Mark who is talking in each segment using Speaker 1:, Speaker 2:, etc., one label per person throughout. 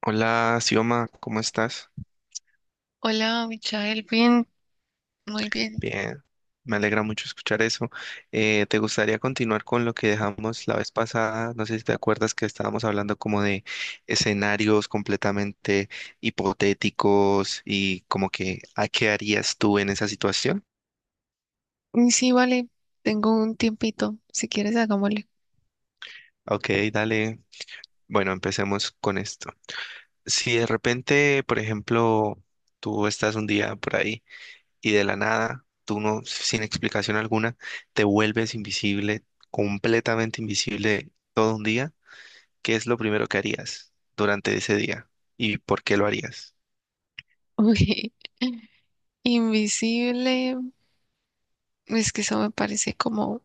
Speaker 1: Hola, Sioma, ¿cómo estás?
Speaker 2: Hola, Michael, bien, muy bien.
Speaker 1: Bien, me alegra mucho escuchar eso. ¿Te gustaría continuar con lo que dejamos la vez pasada? No sé si te acuerdas que estábamos hablando como de escenarios completamente hipotéticos y como que ¿a qué harías tú en esa situación?
Speaker 2: Sí, vale, tengo un tiempito, si quieres hagámosle.
Speaker 1: Ok, dale. Bueno, empecemos con esto. Si de repente, por ejemplo, tú estás un día por ahí. Y de la nada, tú no, sin explicación alguna, te vuelves invisible, completamente invisible todo un día, ¿qué es lo primero que harías durante ese día? ¿Y por qué lo harías?
Speaker 2: Uy, invisible, es que eso me parece como,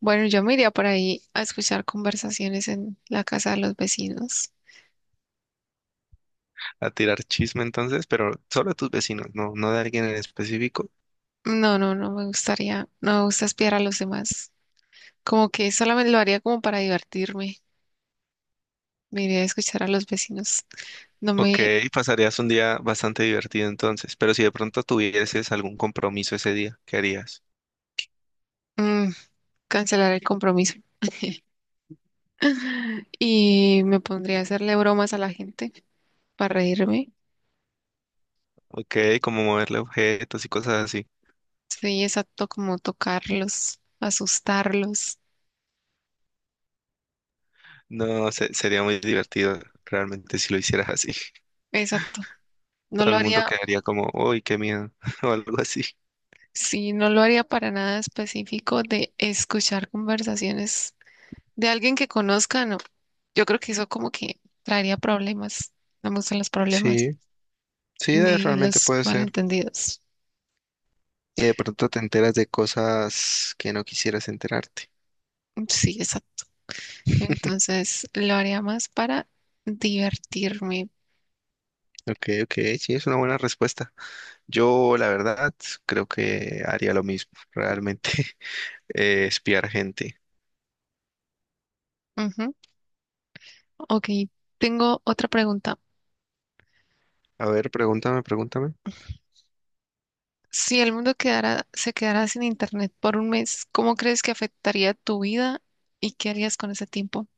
Speaker 2: bueno, yo me iría por ahí a escuchar conversaciones en la casa de los vecinos.
Speaker 1: ¿A tirar chisme entonces? Pero solo a tus vecinos, no, no de alguien en específico.
Speaker 2: No, no, no me gustaría, no me gusta espiar a los demás. Como que solamente lo haría como para divertirme. Me iría a escuchar a los vecinos. No
Speaker 1: Ok, pasarías un día bastante divertido entonces, pero si de pronto tuvieses algún compromiso ese día, ¿qué harías?
Speaker 2: mm, cancelar el compromiso. Y me pondría a hacerle bromas a la gente para reírme.
Speaker 1: Ok, como moverle objetos y cosas así.
Speaker 2: Sí, exacto, como tocarlos, asustarlos.
Speaker 1: No, sería muy divertido realmente si lo hicieras así.
Speaker 2: Exacto. No
Speaker 1: Todo
Speaker 2: lo
Speaker 1: el mundo
Speaker 2: haría,
Speaker 1: quedaría como, uy, qué miedo, o algo así.
Speaker 2: sí, no lo haría para nada específico de escuchar conversaciones de alguien que conozca, no. Yo creo que eso como que traería problemas. No me gustan los problemas
Speaker 1: Sí, sí,
Speaker 2: ni
Speaker 1: realmente
Speaker 2: los
Speaker 1: puede ser.
Speaker 2: malentendidos.
Speaker 1: Y de pronto te enteras de cosas que no quisieras enterarte.
Speaker 2: Sí, exacto. Entonces lo haría más para divertirme.
Speaker 1: Ok, ok, sí, es una buena respuesta. Yo, la verdad, creo que haría lo mismo, realmente. Espiar gente.
Speaker 2: Ujú. Ok, tengo otra pregunta.
Speaker 1: A ver, pregúntame, pregúntame.
Speaker 2: Si el mundo quedara, se quedara sin internet por un mes, ¿cómo crees que afectaría tu vida y qué harías con ese tiempo?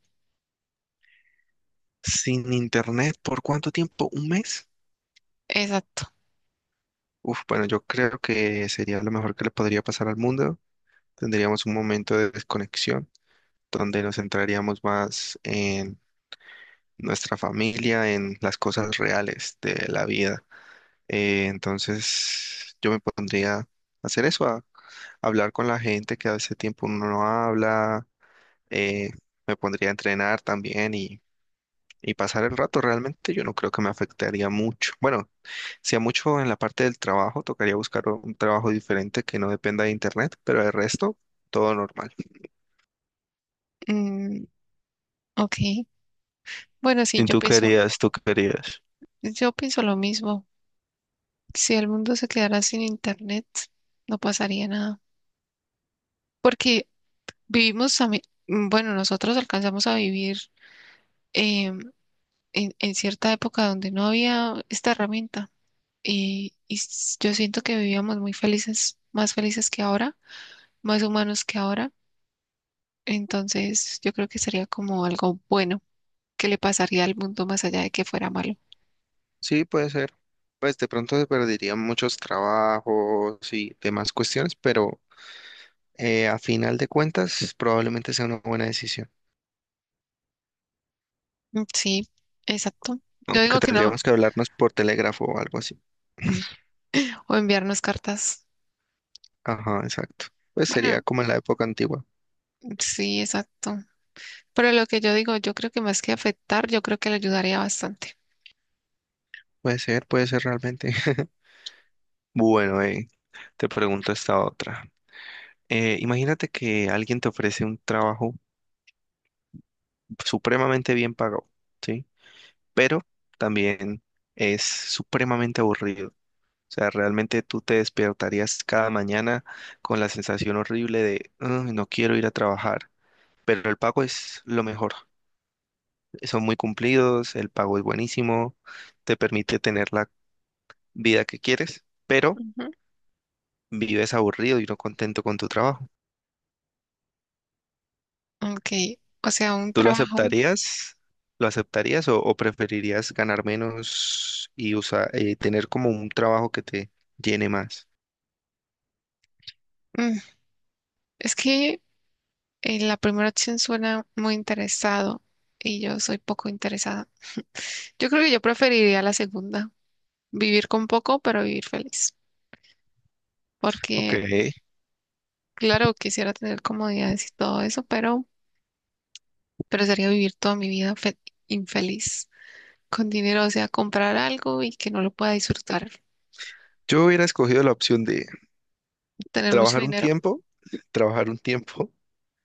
Speaker 1: ¿Sin internet por cuánto tiempo? ¿Un mes?
Speaker 2: Exacto.
Speaker 1: Uf, bueno, yo creo que sería lo mejor que le podría pasar al mundo. Tendríamos un momento de desconexión donde nos centraríamos más nuestra familia en las cosas reales de la vida. Entonces yo me pondría a hacer eso, a hablar con la gente que hace tiempo uno no habla, eh, me pondría a entrenar también y pasar el rato. Realmente yo no creo que me afectaría mucho. Bueno, si a mucho en la parte del trabajo, tocaría buscar un trabajo diferente que no dependa de internet, pero el resto, todo normal.
Speaker 2: Mm, ok. Bueno, sí,
Speaker 1: ¿Y tú querías, tú querías?
Speaker 2: yo pienso lo mismo. Si el mundo se quedara sin internet, no pasaría nada. Porque vivimos también, bueno, nosotros alcanzamos a vivir eh, en cierta época donde no había esta herramienta. Y, yo siento que vivíamos muy felices, más felices que ahora, más humanos que ahora. Entonces, yo creo que sería como algo bueno que le pasaría al mundo más allá de que fuera malo.
Speaker 1: Sí, puede ser. Pues de pronto se perderían muchos trabajos y demás cuestiones, pero a final de cuentas probablemente sea una buena decisión,
Speaker 2: Mm, sí, exacto. Yo
Speaker 1: aunque
Speaker 2: digo que no,
Speaker 1: tendríamos que hablarnos por telégrafo o algo así.
Speaker 2: o enviarnos cartas.
Speaker 1: Ajá, exacto. Pues
Speaker 2: Bueno,
Speaker 1: sería como en la época antigua.
Speaker 2: sí, exacto. Pero lo que yo digo, yo creo que más que afectar, yo creo que le ayudaría bastante.
Speaker 1: Puede ser realmente. Bueno, te pregunto esta otra. Imagínate que alguien te ofrece un trabajo supremamente bien pagado, ¿sí? Pero también es supremamente aburrido. O sea, realmente tú te despertarías cada mañana con la sensación horrible de, "Ay, no quiero ir a trabajar, pero el pago es lo mejor. Son muy cumplidos, el pago es buenísimo, te permite tener la vida que quieres, pero
Speaker 2: Ujú.
Speaker 1: vives aburrido y no contento con tu trabajo".
Speaker 2: Ok, o sea, un
Speaker 1: ¿Tú lo
Speaker 2: trabajo.
Speaker 1: aceptarías? ¿Lo aceptarías o preferirías ganar menos y tener como un trabajo que te llene más?
Speaker 2: mm, Es que en la primera opción suena muy interesado y yo soy poco interesada. Yo creo que yo preferiría la segunda, vivir con poco, pero vivir feliz,
Speaker 1: Ok,
Speaker 2: porque claro, quisiera tener comodidades y todo eso, pero sería vivir toda mi vida infeliz con dinero, o sea, comprar algo y que no lo pueda disfrutar.
Speaker 1: yo hubiera escogido la opción D.
Speaker 2: Tener mucho
Speaker 1: Trabajar un
Speaker 2: dinero,
Speaker 1: tiempo, trabajar un tiempo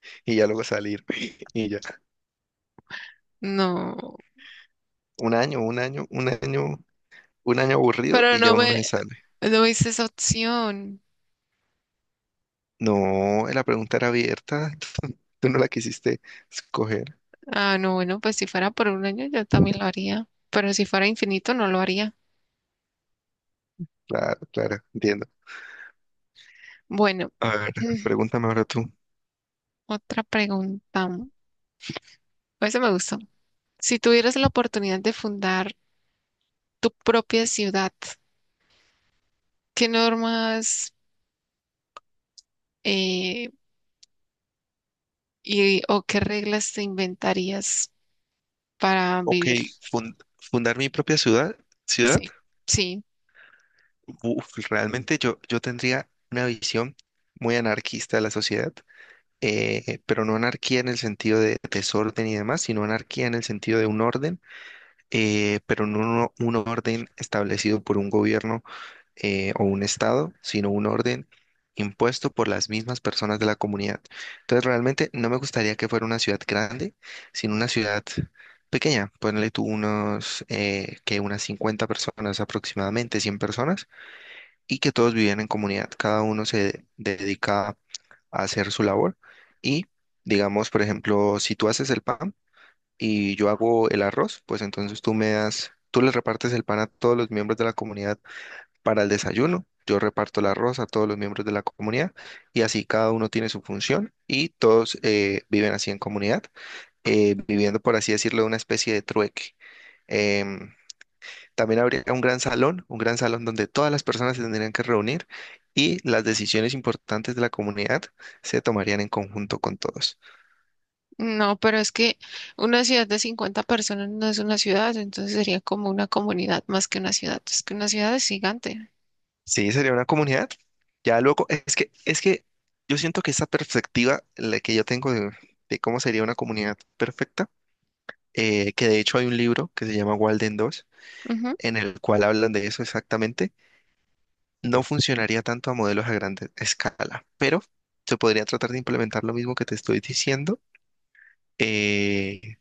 Speaker 1: y ya luego salir. Y ya.
Speaker 2: no,
Speaker 1: Un año, un año, un año, un año aburrido
Speaker 2: pero
Speaker 1: y ya
Speaker 2: no
Speaker 1: uno no
Speaker 2: me,
Speaker 1: se sale.
Speaker 2: no hice esa opción.
Speaker 1: No, la pregunta era abierta. Tú no la quisiste escoger.
Speaker 2: Ah, no, bueno, pues si fuera por un año yo también lo haría, pero si fuera infinito no lo haría.
Speaker 1: Claro, claro, entiendo.
Speaker 2: Bueno.
Speaker 1: A ver, pregúntame ahora tú.
Speaker 2: Otra pregunta. Ese me gustó. Si tuvieras la oportunidad de fundar tu propia ciudad, ¿qué normas eh, y, o qué reglas te inventarías para
Speaker 1: Ok,
Speaker 2: vivir?
Speaker 1: fundar mi propia ciudad, ciudad.
Speaker 2: Sí, sí.
Speaker 1: Uf, realmente yo tendría una visión muy anarquista de la sociedad, pero no anarquía en el sentido de desorden y demás, sino anarquía en el sentido de un orden pero no un orden establecido por un gobierno o un estado, sino un orden impuesto por las mismas personas de la comunidad. Entonces, realmente no me gustaría que fuera una ciudad grande, sino una ciudad pequeña. Ponle tú unos, que unas 50 personas aproximadamente, 100 personas, y que todos vivían en comunidad. Cada uno se dedica a hacer su labor y, digamos, por ejemplo, si tú haces el pan, y yo hago el arroz, pues entonces tú me das, tú le repartes el pan a todos los miembros de la comunidad para el desayuno, yo reparto el arroz a todos los miembros de la comunidad y así cada uno tiene su función y todos viven así en comunidad, viviendo por así decirlo una especie de trueque. Em, También habría un gran salón donde todas las personas se tendrían que reunir y las decisiones importantes de la comunidad se tomarían en conjunto con todos.
Speaker 2: No, pero es que una ciudad de 50 personas no es una ciudad, entonces sería como una comunidad más que una ciudad. Es que una ciudad es gigante.
Speaker 1: Sí, sería una comunidad. Ya luego, es que yo siento que esa perspectiva la que yo tengo de, cómo sería una comunidad perfecta, que de hecho hay un libro que se llama Walden dos, en el cual hablan de eso exactamente, no funcionaría tanto a modelos a gran escala, pero se podría tratar de implementar lo mismo que te estoy diciendo eh,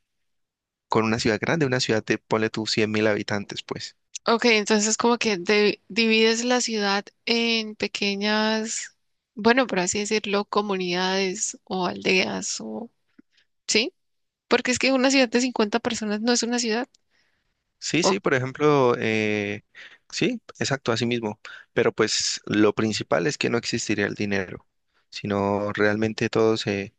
Speaker 1: con una ciudad grande, una ciudad de, ponle tú, 100.000 habitantes, pues.
Speaker 2: Ok, entonces como que divides la ciudad en pequeñas, bueno, por así decirlo, comunidades o aldeas o, ¿sí? Porque es que una ciudad de 50 personas no es una ciudad.
Speaker 1: Sí,
Speaker 2: Oh,
Speaker 1: sí, por ejemplo, sí, exacto, así mismo. Pero pues lo principal es que no existiría el dinero, sino realmente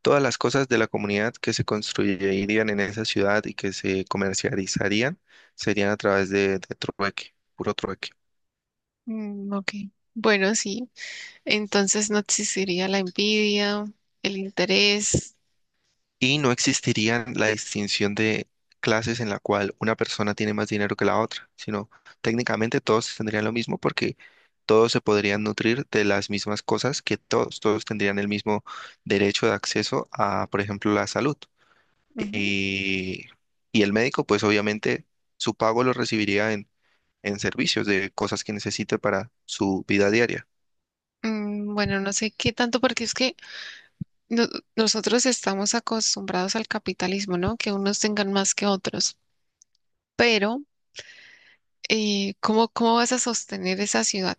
Speaker 1: todas las cosas de la comunidad que se construirían en esa ciudad y que se comercializarían serían a través de, trueque, puro trueque.
Speaker 2: mm, ok. Bueno, sí. Entonces no existiría la envidia, el interés.
Speaker 1: Y no existiría la distinción de clases en la cual una persona tiene más dinero que la otra, sino técnicamente todos tendrían lo mismo porque todos se podrían nutrir de las mismas cosas que todos, todos tendrían el mismo derecho de acceso a, por ejemplo, la salud.
Speaker 2: Ujú.
Speaker 1: Y, y el médico, pues obviamente su pago lo recibiría en servicios de cosas que necesite para su vida diaria.
Speaker 2: Mm, bueno, no sé qué tanto, porque es que no- nosotros estamos acostumbrados al capitalismo, ¿no? Que unos tengan más que otros. Pero ¿cómo, cómo vas a sostener esa ciudad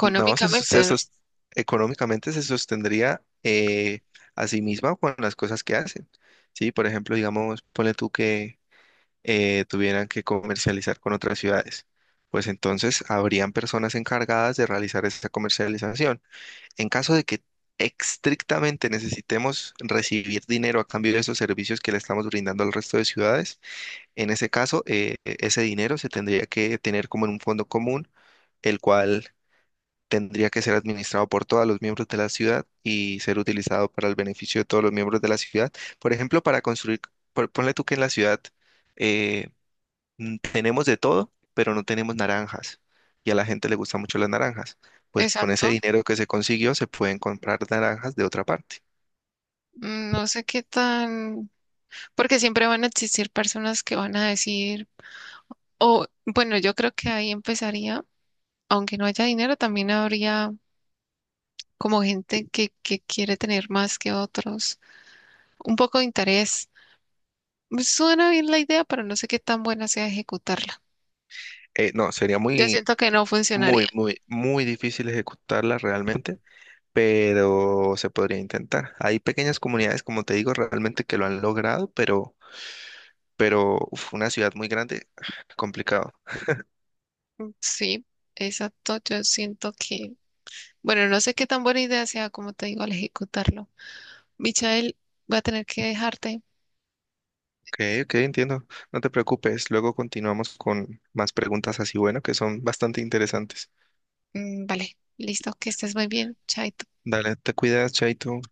Speaker 1: No,
Speaker 2: no?
Speaker 1: económicamente se sostendría a sí misma con las cosas que hacen. Sí, por ejemplo, digamos, ponle tú que tuvieran que comercializar con otras ciudades. Pues entonces habrían personas encargadas de realizar esta comercialización. En caso de que estrictamente necesitemos recibir dinero a cambio de esos servicios que le estamos brindando al resto de ciudades, en ese caso, ese dinero se tendría que tener como en un fondo común, el cual tendría que ser administrado por todos los miembros de la ciudad y ser utilizado para el beneficio de todos los miembros de la ciudad. Por ejemplo, para construir, ponle tú que en la ciudad eh, tenemos de todo, pero no tenemos naranjas y a la gente le gustan mucho las naranjas. Pues con ese
Speaker 2: Exacto.
Speaker 1: dinero que se consiguió se pueden comprar naranjas de otra parte.
Speaker 2: Mm, no sé qué tan, porque siempre van a existir personas que van a decir, o bueno, yo creo que ahí empezaría, aunque no haya dinero, también habría como gente que quiere tener más que otros, un poco de interés. Pues, suena bien la idea, pero no sé qué tan buena sea ejecutarla.
Speaker 1: No, sería
Speaker 2: Yo
Speaker 1: muy,
Speaker 2: siento que no funcionaría.
Speaker 1: muy, muy, muy difícil ejecutarla realmente, pero se podría intentar. Hay pequeñas comunidades, como te digo, realmente que lo han logrado, pero uf, una ciudad muy grande, complicado.
Speaker 2: Mm, sí, exacto. Yo siento que bueno, no sé qué tan buena idea sea, como te digo, al ejecutarlo. Michael, voy a tener que dejarte.
Speaker 1: Ok, ok, entiendo. No te preocupes. Luego continuamos con más preguntas así, bueno, que son bastante interesantes.
Speaker 2: Mm, vale, listo, que estés muy bien. Chaito.
Speaker 1: Dale, te cuidas, Chaito.